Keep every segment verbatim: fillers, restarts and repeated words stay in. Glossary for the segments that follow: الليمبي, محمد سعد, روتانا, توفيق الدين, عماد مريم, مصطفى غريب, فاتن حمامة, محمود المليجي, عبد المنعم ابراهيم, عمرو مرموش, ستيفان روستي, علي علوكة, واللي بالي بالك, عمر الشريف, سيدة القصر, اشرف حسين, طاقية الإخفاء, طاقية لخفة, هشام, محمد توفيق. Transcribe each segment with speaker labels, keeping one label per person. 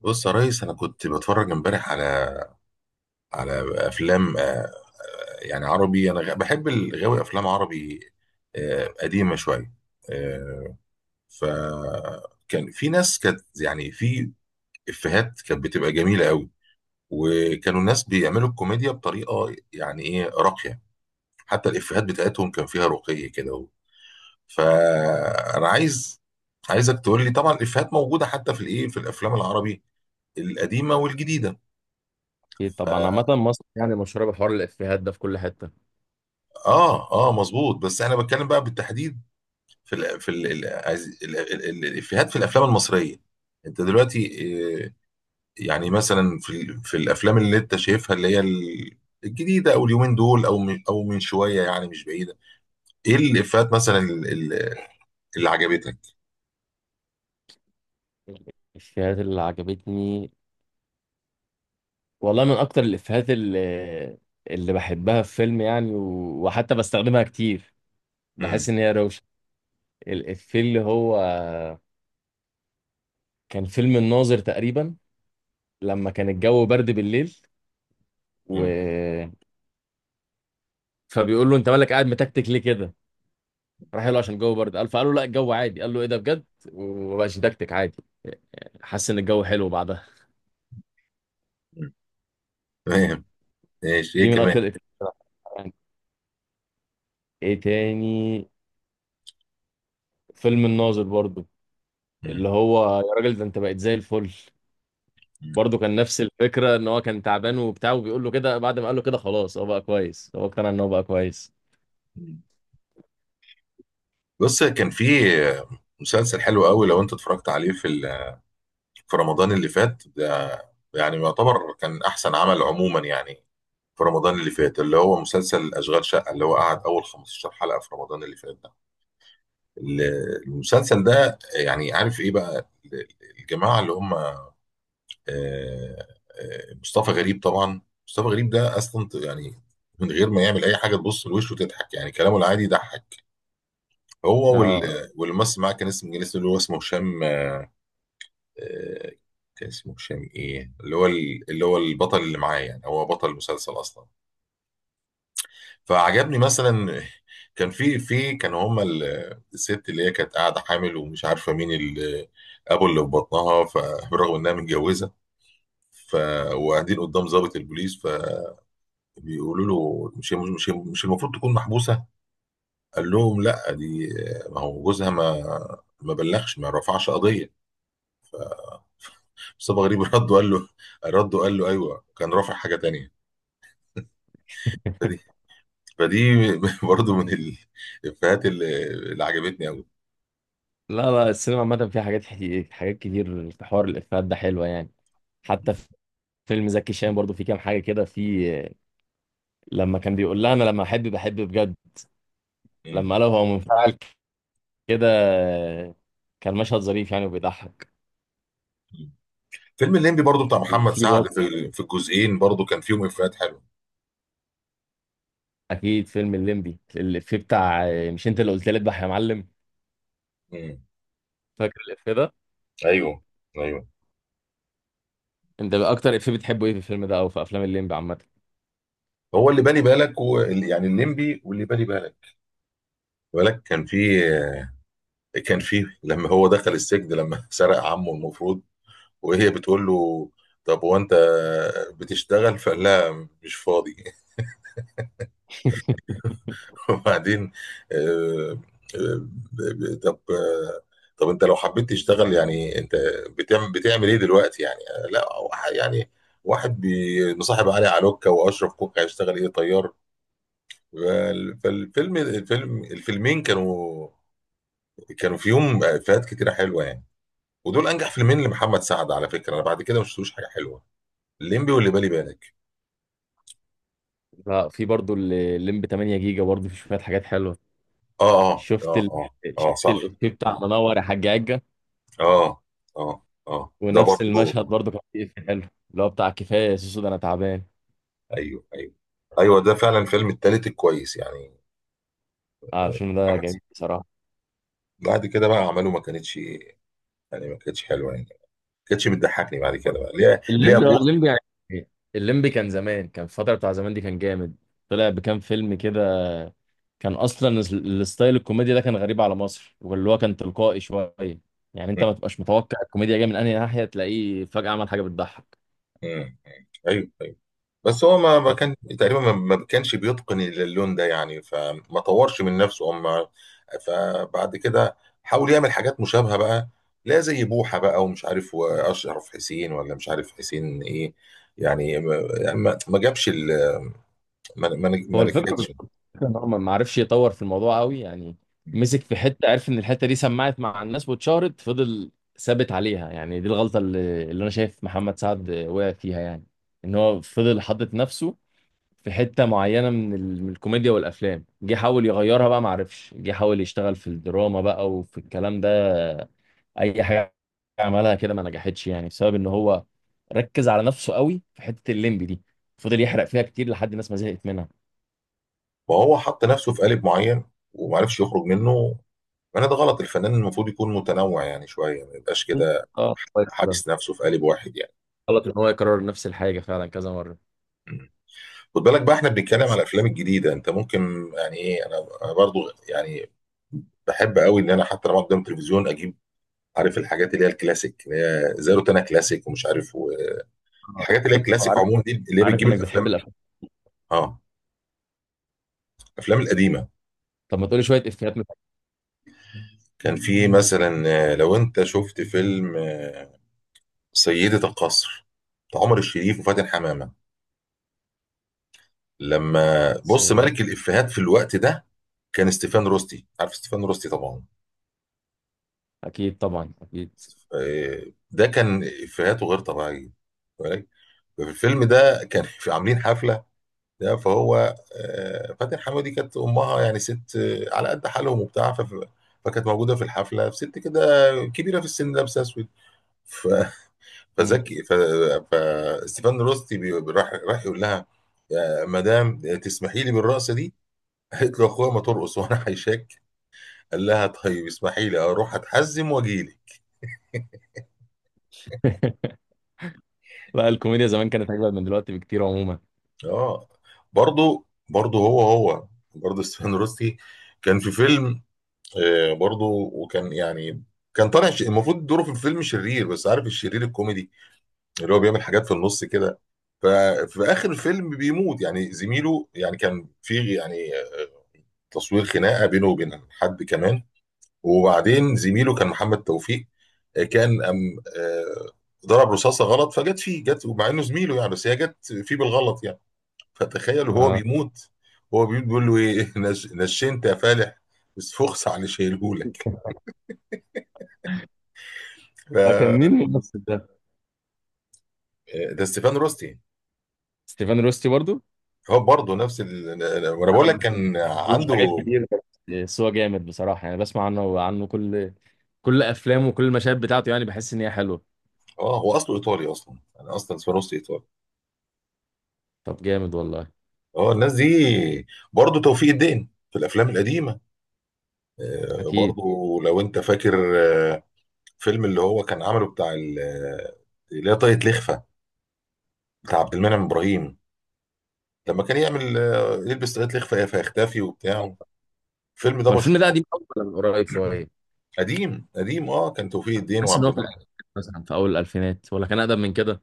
Speaker 1: بص يا ريس انا كنت بتفرج امبارح على على افلام، آه، يعني عربي. انا غ- بحب الغاوي افلام عربي، آه، قديمه شويه. آه، فكان في ناس كانت يعني في افيهات كانت بتبقى جميله قوي، وكانوا الناس بيعملوا الكوميديا بطريقه يعني ايه راقيه. حتى الافيهات بتاعتهم كان فيها رقي كده. فانا عايز عايزك تقول لي، طبعا الافيهات موجوده حتى في الايه في الافلام العربي القديمه والجديده.
Speaker 2: اكيد طبعا عامة مصر يعني مشهورة بحوار الإفيهات ده في كل حتة.
Speaker 1: اه اه، مظبوط، بس انا بتكلم بقى بالتحديد في ال في ال ال ال ال الافيهات في الافلام المصريه. انت دلوقتي، آه، يعني مثلا في ال- في الافلام اللي انت شايفها اللي هي ال- الجديده، او اليومين دول او من او من شويه يعني مش بعيده، ايه الافيهات مثلا ال- ال- اللي عجبتك؟
Speaker 2: الإفيهات اللي عجبتني والله من أكتر الإفيهات اللي اللي بحبها في فيلم يعني و... وحتى بستخدمها كتير.
Speaker 1: مم،
Speaker 2: بحس إن هي روشة. الإفيه اللي هو كان فيلم الناظر تقريبا، لما كان الجو برد بالليل
Speaker 1: مم،
Speaker 2: و... فبيقول له أنت مالك قاعد متكتك ليه كده؟ راح له عشان الجو برد قال فقال له لا الجو عادي. قال له إيه ده بجد؟ ومبقاش متكتك عادي، حس إن الجو حلو بعدها.
Speaker 1: مم. تمام، ماشي،
Speaker 2: دي
Speaker 1: ايه
Speaker 2: من
Speaker 1: كمان؟
Speaker 2: أكتر الإفيهات. ايه تاني؟ فيلم الناظر برضو،
Speaker 1: مم،
Speaker 2: اللي هو يا راجل ده انت بقيت زي الفل.
Speaker 1: مم،
Speaker 2: برضو كان نفس الفكرة، ان هو كان تعبان وبتاع وبيقول له كده، بعد ما قال له كده خلاص هو بقى كويس، هو اقتنع ان هو بقى كويس.
Speaker 1: مم. بص، كان في مسلسل حلو قوي لو انت اتفرجت عليه في ال في رمضان اللي فات ده، يعني يعتبر كان احسن عمل عموما يعني. في رمضان اللي فات، اللي هو مسلسل اشغال شقه، اللي هو قعد اول خمس عشرة حلقة حلقه في رمضان اللي فات ده. ال- المسلسل ده، يعني عارف ايه بقى، ال- الجماعه اللي هم، آه، آه، مصطفى غريب طبعا. مصطفى غريب ده اصلا يعني، من غير ما يعمل اي حاجه تبص لوشه وتضحك، يعني كلامه العادي يضحك. هو
Speaker 2: اه.
Speaker 1: وال- والممثل معاه، كان اسمه كان اسمه اللي هو اسمه هشام. آه، كان اسمه هشام ايه اللي هو ال- اللي هو البطل اللي معاه، يعني هو بطل المسلسل اصلا. فعجبني مثلا كان في في كان هما، ال- الست اللي هي كانت قاعده حامل ومش عارفه مين ال- ابو اللي في بطنها، فبرغم انها متجوزه، ف وقاعدين قدام ضابط البوليس. فبيقولوا له، مش مش مش المفروض تكون محبوسه؟ قال لهم لا، دي ما هو جوزها، ما ما بلغش، ما رفعش قضيه. مصطفى غريب رد وقال له رد وقال له ايوه، كان رافع حاجه تانيه. فدي برضو من ال- الافيهات اللي, اللي عجبتني قوي.
Speaker 2: لا لا، السينما عامة فيها حاجات حي- حاجات كتير في حوار الإفيهات ده حلوة يعني. حتى في فيلم زكي شان برضو في كام حاجة كده. في لما كان بيقول لها انا لما احب بحب بجد، لما قالها هو منفعل كده. كان مشهد ظريف يعني وبيضحك.
Speaker 1: فيلم الليمبي برضو بتاع محمد
Speaker 2: وفي
Speaker 1: سعد،
Speaker 2: برضه
Speaker 1: في في الجزئين برضو كان فيهم افيهات حلوه.
Speaker 2: اكيد فيلم الليمبي الافيه بتاع مش انت اللي قلت لي اذبح يا معلم.
Speaker 1: مم.
Speaker 2: فاكر الافيه ده؟
Speaker 1: ايوه، ايوه،
Speaker 2: انت اكتر افيه بتحبه ايه في الفيلم ده او في افلام الليمبي عامه؟
Speaker 1: هو اللي بالي بالك و... يعني الليمبي واللي بالي بالك بالك كان فيه كان فيه لما هو دخل السجن، لما سرق عمه المفروض، وهي بتقول له طب هو انت بتشتغل؟ فقال لها مش فاضي. وبعدين، آه، آه، ب- ب- طب آه، طب انت لو حبيت تشتغل يعني، انت بتعمل بتعمل ايه دلوقتي يعني؟ آه، لا وح- يعني واحد بي- مصاحب علي علوكة واشرف كوكا هيشتغل ايه؟ طيار. فال- فالفيلم الفيلم الفيلمين كانوا كانوا فيهم افيهات كتيره حلوه يعني. ودول انجح فيلمين لمحمد سعد، على فكره انا بعد كده ما شفتلوش حاجه حلوه، الليمبي واللي بالي بالك.
Speaker 2: لا، في برضه الليمبي ثمانية جيجا برضه في شويه حاجات حلوه.
Speaker 1: اه اه
Speaker 2: شفت
Speaker 1: اه
Speaker 2: ال...
Speaker 1: اه. اه
Speaker 2: شفت
Speaker 1: صح،
Speaker 2: الافيه بتاع منور يا حاج عجه.
Speaker 1: اه اه اه. آه، ده
Speaker 2: ونفس
Speaker 1: برضه.
Speaker 2: المشهد برضه كان فيه افيه حلو، اللي هو بتاع كفايه يا سوسو ده انا تعبان.
Speaker 1: ايوه ايوه ايوه، ده فعلا الفيلم التالت الكويس يعني.
Speaker 2: اه،
Speaker 1: آه،
Speaker 2: الفيلم ده
Speaker 1: محمد
Speaker 2: جميل
Speaker 1: سعد.
Speaker 2: بصراحه.
Speaker 1: بعد كده بقى عمله ما كانتش يعني، ما كانتش حلوه يعني، ما كانتش بتضحكني بعد كده بقى ليه ليه
Speaker 2: الليمبي، اه
Speaker 1: ابوه.
Speaker 2: الليمبي يعني، الليمبي كان زمان، كان الفترة بتاع زمان دي كان جامد. طلع بكام فيلم كده. كان اصلا ال- الستايل الكوميديا ده كان غريب على مصر، واللي هو كان تلقائي شوية. يعني
Speaker 1: م-
Speaker 2: انت ما تبقاش متوقع الكوميديا جايه من انهي ناحية، تلاقيه فجأة عمل حاجة بتضحك.
Speaker 1: م- م. ايوه ايوه. بس هو ما ما كان تقريبا ما ما كانش بيتقن اللون ده يعني، فما طورش من نفسه. اما فبعد كده حاول يعمل حاجات مشابهه بقى، لا زي بوحه بقى ومش عارف واشرف حسين ولا مش عارف حسين ايه، يعني ما يعني ما- ما جابش ال- ما ما ما
Speaker 2: هو الفكرة
Speaker 1: نجحتش.
Speaker 2: بالظبط ان هو ما ما عرفش يطور في الموضوع قوي يعني. مسك في حتة، عرف ان الحتة دي سمعت مع الناس واتشهرت، فضل ثابت عليها يعني. دي الغلطة اللي, اللي انا شايف محمد سعد وقع فيها يعني، ان هو فضل حاطط نفسه في حتة معينة من ال- من الكوميديا والأفلام. جه حاول يغيرها بقى، معرفش، جه حاول يشتغل في الدراما بقى وفي الكلام ده. أي حاجة عملها كده ما نجحتش يعني، بسبب إن هو ركز على نفسه قوي في حتة الليمبي دي، فضل يحرق فيها كتير لحد الناس ما زهقت منها.
Speaker 1: ما هو حط نفسه في قالب معين ومعرفش يخرج منه. ما انا ده غلط، الفنان المفروض يكون متنوع يعني شويه، ما يبقاش كده
Speaker 2: اه كويس كده.
Speaker 1: حابس نفسه في قالب واحد يعني.
Speaker 2: غلط إن هو يكرر نفس الحاجة فعلا كذا مرة.
Speaker 1: مم. خد بالك بقى احنا بنتكلم على
Speaker 2: بس
Speaker 1: الافلام الجديده، انت ممكن يعني ايه، انا أنا برضو يعني بحب قوي، ان انا حتى لما قدام التلفزيون اجيب، عارف الحاجات اللي هي الكلاسيك، اللي هي زي روتانا كلاسيك ومش عارف،
Speaker 2: آه،
Speaker 1: والحاجات اللي هي
Speaker 2: عارف
Speaker 1: الكلاسيك
Speaker 2: عارف
Speaker 1: عموما دي اللي هي
Speaker 2: عارف
Speaker 1: بتجيب
Speaker 2: إنك
Speaker 1: الافلام.
Speaker 2: بتحب الأفلام.
Speaker 1: اه، الافلام القديمه.
Speaker 2: طب ما تقولي شوية إفيهات من.
Speaker 1: كان في مثلا، آه، لو انت شفت فيلم آه، سيدة القصر، بتاع عمر الشريف وفاتن حمامة، لما بص،
Speaker 2: سيئة.
Speaker 1: ملك الإفيهات في الوقت ده كان ستيفان روستي، عارف ستيفان روستي طبعا.
Speaker 2: أكيد طبعا أكيد.
Speaker 1: آه، ده كان إفيهاته غير طبيعية، بالك؟ ففي الفيلم ده، كان في عاملين حفلة ده، فهو آه، فاتن حمامة دي كانت أمها يعني ست، آه، على قد حالهم وبتاع. فف- فكانت موجودة في الحفلة، ست كده كبيرة في السن لابسة أسود. ف
Speaker 2: مم.
Speaker 1: فزكي ف... فستيفان روستي، بي... راح راح يقول لها يا مدام، تسمحي لي بالرقصه دي؟ قالت له اخويا ما ترقص وانا هيشك. قال لها طيب اسمحي لي اروح اتحزم واجي لي.
Speaker 2: لا، الكوميديا زمان كانت أجمل من دلوقتي بكتير عموما.
Speaker 1: اه، برضه برضه، هو هو برضه ستيفان روستي كان في فيلم، آه، برضه. وكان يعني كان طالع، ش- المفروض دوره في الفيلم شرير، بس عارف الشرير الكوميدي اللي هو بيعمل حاجات في النص كده. ففي اخر الفيلم بيموت يعني زميله، يعني كان في يعني تصوير خناقه بينه وبين حد كمان، وبعدين زميله كان محمد توفيق، آه، كان أم آه، ضرب رصاصه غلط فجت فيه، جت، ومع انه زميله يعني بس هي جت فيه بالغلط يعني. فتخيل، وهو
Speaker 2: اه،
Speaker 1: بيموت، هو بيموت بيقول له ايه، نش... نشنت يا فالح، بس فخس عن شايلهولك. ف...
Speaker 2: كان
Speaker 1: آه،
Speaker 2: مين الممثل ده؟
Speaker 1: ده ستيفان روستي يعني.
Speaker 2: ستيفان روستي برضو؟
Speaker 1: هو برضه نفس ال... وانا بقول
Speaker 2: انا
Speaker 1: لك
Speaker 2: ما
Speaker 1: كان
Speaker 2: شفتلوش حاجات
Speaker 1: عنده.
Speaker 2: كتير، بس بس هو جامد بصراحة يعني. بسمع عنه وعنه كل كل أفلامه وكل المشاهد بتاعته، يعني بحس إن هي حلوة.
Speaker 1: اه، هو اصله ايطالي اصلا، انا اصلا ستيفان روستي ايطالي.
Speaker 2: طب جامد والله.
Speaker 1: اه، الناس دي. برضه توفيق الدين في الافلام القديمه، آه،
Speaker 2: أكيد.
Speaker 1: برضو، لو انت فاكر، آه، فيلم اللي هو كان عمله بتاع ال- آه، اللي هي طاقية لخفة، بتاع عبد المنعم ابراهيم، لما كان يعمل، آه، يلبس طاقية لخفة فيختفي وبتاع. الفيلم
Speaker 2: هو
Speaker 1: ده مشهور.
Speaker 2: الفيلم ده قديم أوي ولا من قريب شوية؟
Speaker 1: قديم قديم اه، كان توفيق الدين
Speaker 2: بحس إن
Speaker 1: وعبد
Speaker 2: هو في
Speaker 1: المنعم.
Speaker 2: الألفينات، مثلا في أول الألفينات، ولا كان أقدم من كده؟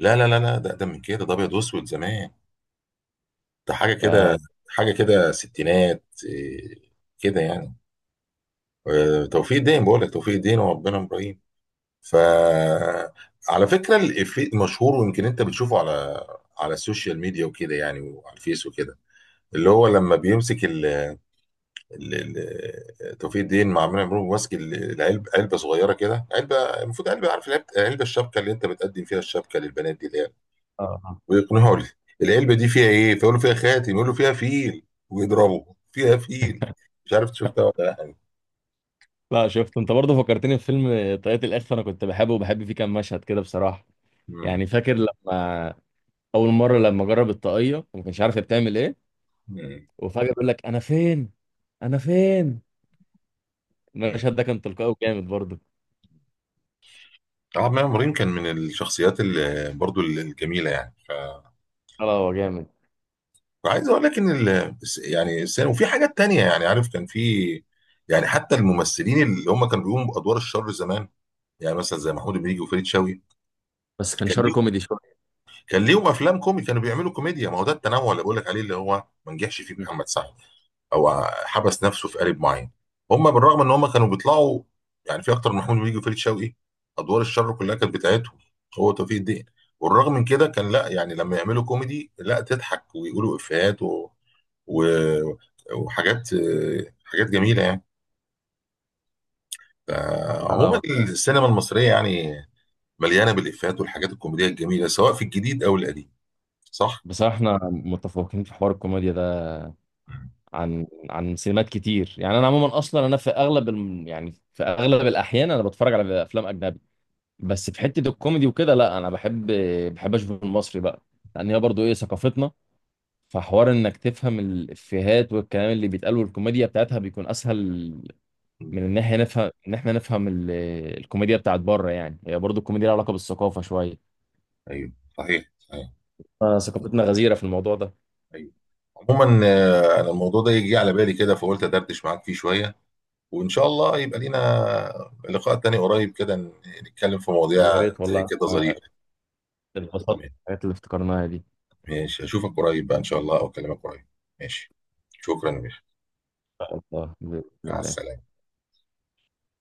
Speaker 1: لا لا لا لا، ده ده من كده، ده ابيض واسود زمان، ده حاجه كده،
Speaker 2: ده-
Speaker 1: حاجه كده ستينات، آه، كده يعني. آه، توفيق الدين بقول لك، توفيق الدين وعبد المنعم ابراهيم. فعلى فكرة، الإفيه مشهور ويمكن أنت بتشوفه على على السوشيال ميديا وكده يعني، وعلى الفيس وكده، اللي هو لما بيمسك ال... ال... ال... توفيق الدين مع عمرو مرموش ماسك ال- العلبة، علبة صغيرة كده، علبة المفروض علبة، عارف العلبة, العلبة الشبكة، اللي أنت بتقدم فيها الشبكة للبنات دي اللي هي،
Speaker 2: آه.
Speaker 1: ويقنعه ال- العلبة دي فيها إيه؟ فيقول له فيها خاتم، يقول له فيها فيل، ويضربه فيها فيل. مش عارف شفتها ولا لا يعني.
Speaker 2: لا، شفت، أنت برضه فكرتني في فيلم طاقية الإخفاء. أنا كنت بحبه وبحب فيه كام مشهد كده بصراحة.
Speaker 1: مم.
Speaker 2: يعني فاكر لما أول مرة لما جرب الطاقية وما كانش عارف هي بتعمل إيه، وفجأة بيقول لك أنا فين؟ أنا فين؟
Speaker 1: مم.
Speaker 2: المشهد ده كان تلقائي وجامد برضه.
Speaker 1: عماد مريم كان من الشخصيات اللي برضو الجميله يعني. ف
Speaker 2: لا لا، هو جامد.
Speaker 1: وعايز اقول لك ان ال... يعني السينما، وفي حاجات تانية يعني، عارف كان في يعني، حتى الممثلين اللي هم كانوا بيقوموا بادوار الشر زمان، يعني مثلا زي محمود المليجي وفريد شوقي،
Speaker 2: بس كان
Speaker 1: كان
Speaker 2: شر
Speaker 1: ليهم
Speaker 2: كوميدي شوية.
Speaker 1: كان ليهم افلام كوميدي كانوا بيعملوا كوميديا. ما هو ده التنوع اللي بقول لك عليه اللي هو ما نجحش فيه محمد سعد، او حبس نفسه في قالب معين. هم بالرغم ان هم كانوا بيطلعوا يعني في اكتر من، محمود بيجي وفريد شوقي، ادوار الشر كلها كانت بتاعتهم، هو توفيق الدين، والرغم من كده كان لا يعني لما يعملوا كوميدي لا تضحك ويقولوا افيهات و... و... وحاجات حاجات جميله يعني.
Speaker 2: لا لا،
Speaker 1: عموما
Speaker 2: هو-
Speaker 1: السينما المصريه يعني مليانه بالافيهات والحاجات الكوميديه الجميله، سواء في الجديد او القديم، صح؟
Speaker 2: بصراحة احنا متفوقين في حوار الكوميديا ده عن عن سينمات كتير يعني. أنا عموما أصلا أنا في أغلب الم... يعني في أغلب الأحيان أنا بتفرج على أفلام أجنبي. بس في حتة الكوميدي وكده لا أنا بحب بحب أشوف المصري بقى. لأن هي برضه إيه ثقافتنا، فحوار إنك تفهم الإفيهات والكلام اللي بيتقال والكوميديا بتاعتها بيكون أسهل
Speaker 1: مم.
Speaker 2: من ان احنا نفهم ان احنا نفهم ال- الكوميديا بتاعت بره. يعني هي برضو الكوميديا لها علاقه بالثقافه شويه.
Speaker 1: ايوه، صحيح صحيح،
Speaker 2: آه، ثقافتنا غزيره في الموضوع ده.
Speaker 1: ايوه. عموما آه، انا الموضوع ده يجي على بالي كده فقلت ادردش معاك فيه شويه، وإن شاء الله يبقى لينا لقاء تاني قريب كده، ن- نتكلم في مواضيع
Speaker 2: يا ريت
Speaker 1: زي
Speaker 2: والله.
Speaker 1: كده
Speaker 2: آه،
Speaker 1: ظريفة.
Speaker 2: اتبسطت
Speaker 1: تمام،
Speaker 2: بالحاجات اللي افتكرناها دي.
Speaker 1: ماشي، أشوفك قريب بقى إن شاء الله، أو أكلمك قريب. ماشي، شكرا يا باشا،
Speaker 2: والله بإذن
Speaker 1: مع
Speaker 2: الله
Speaker 1: السلامة.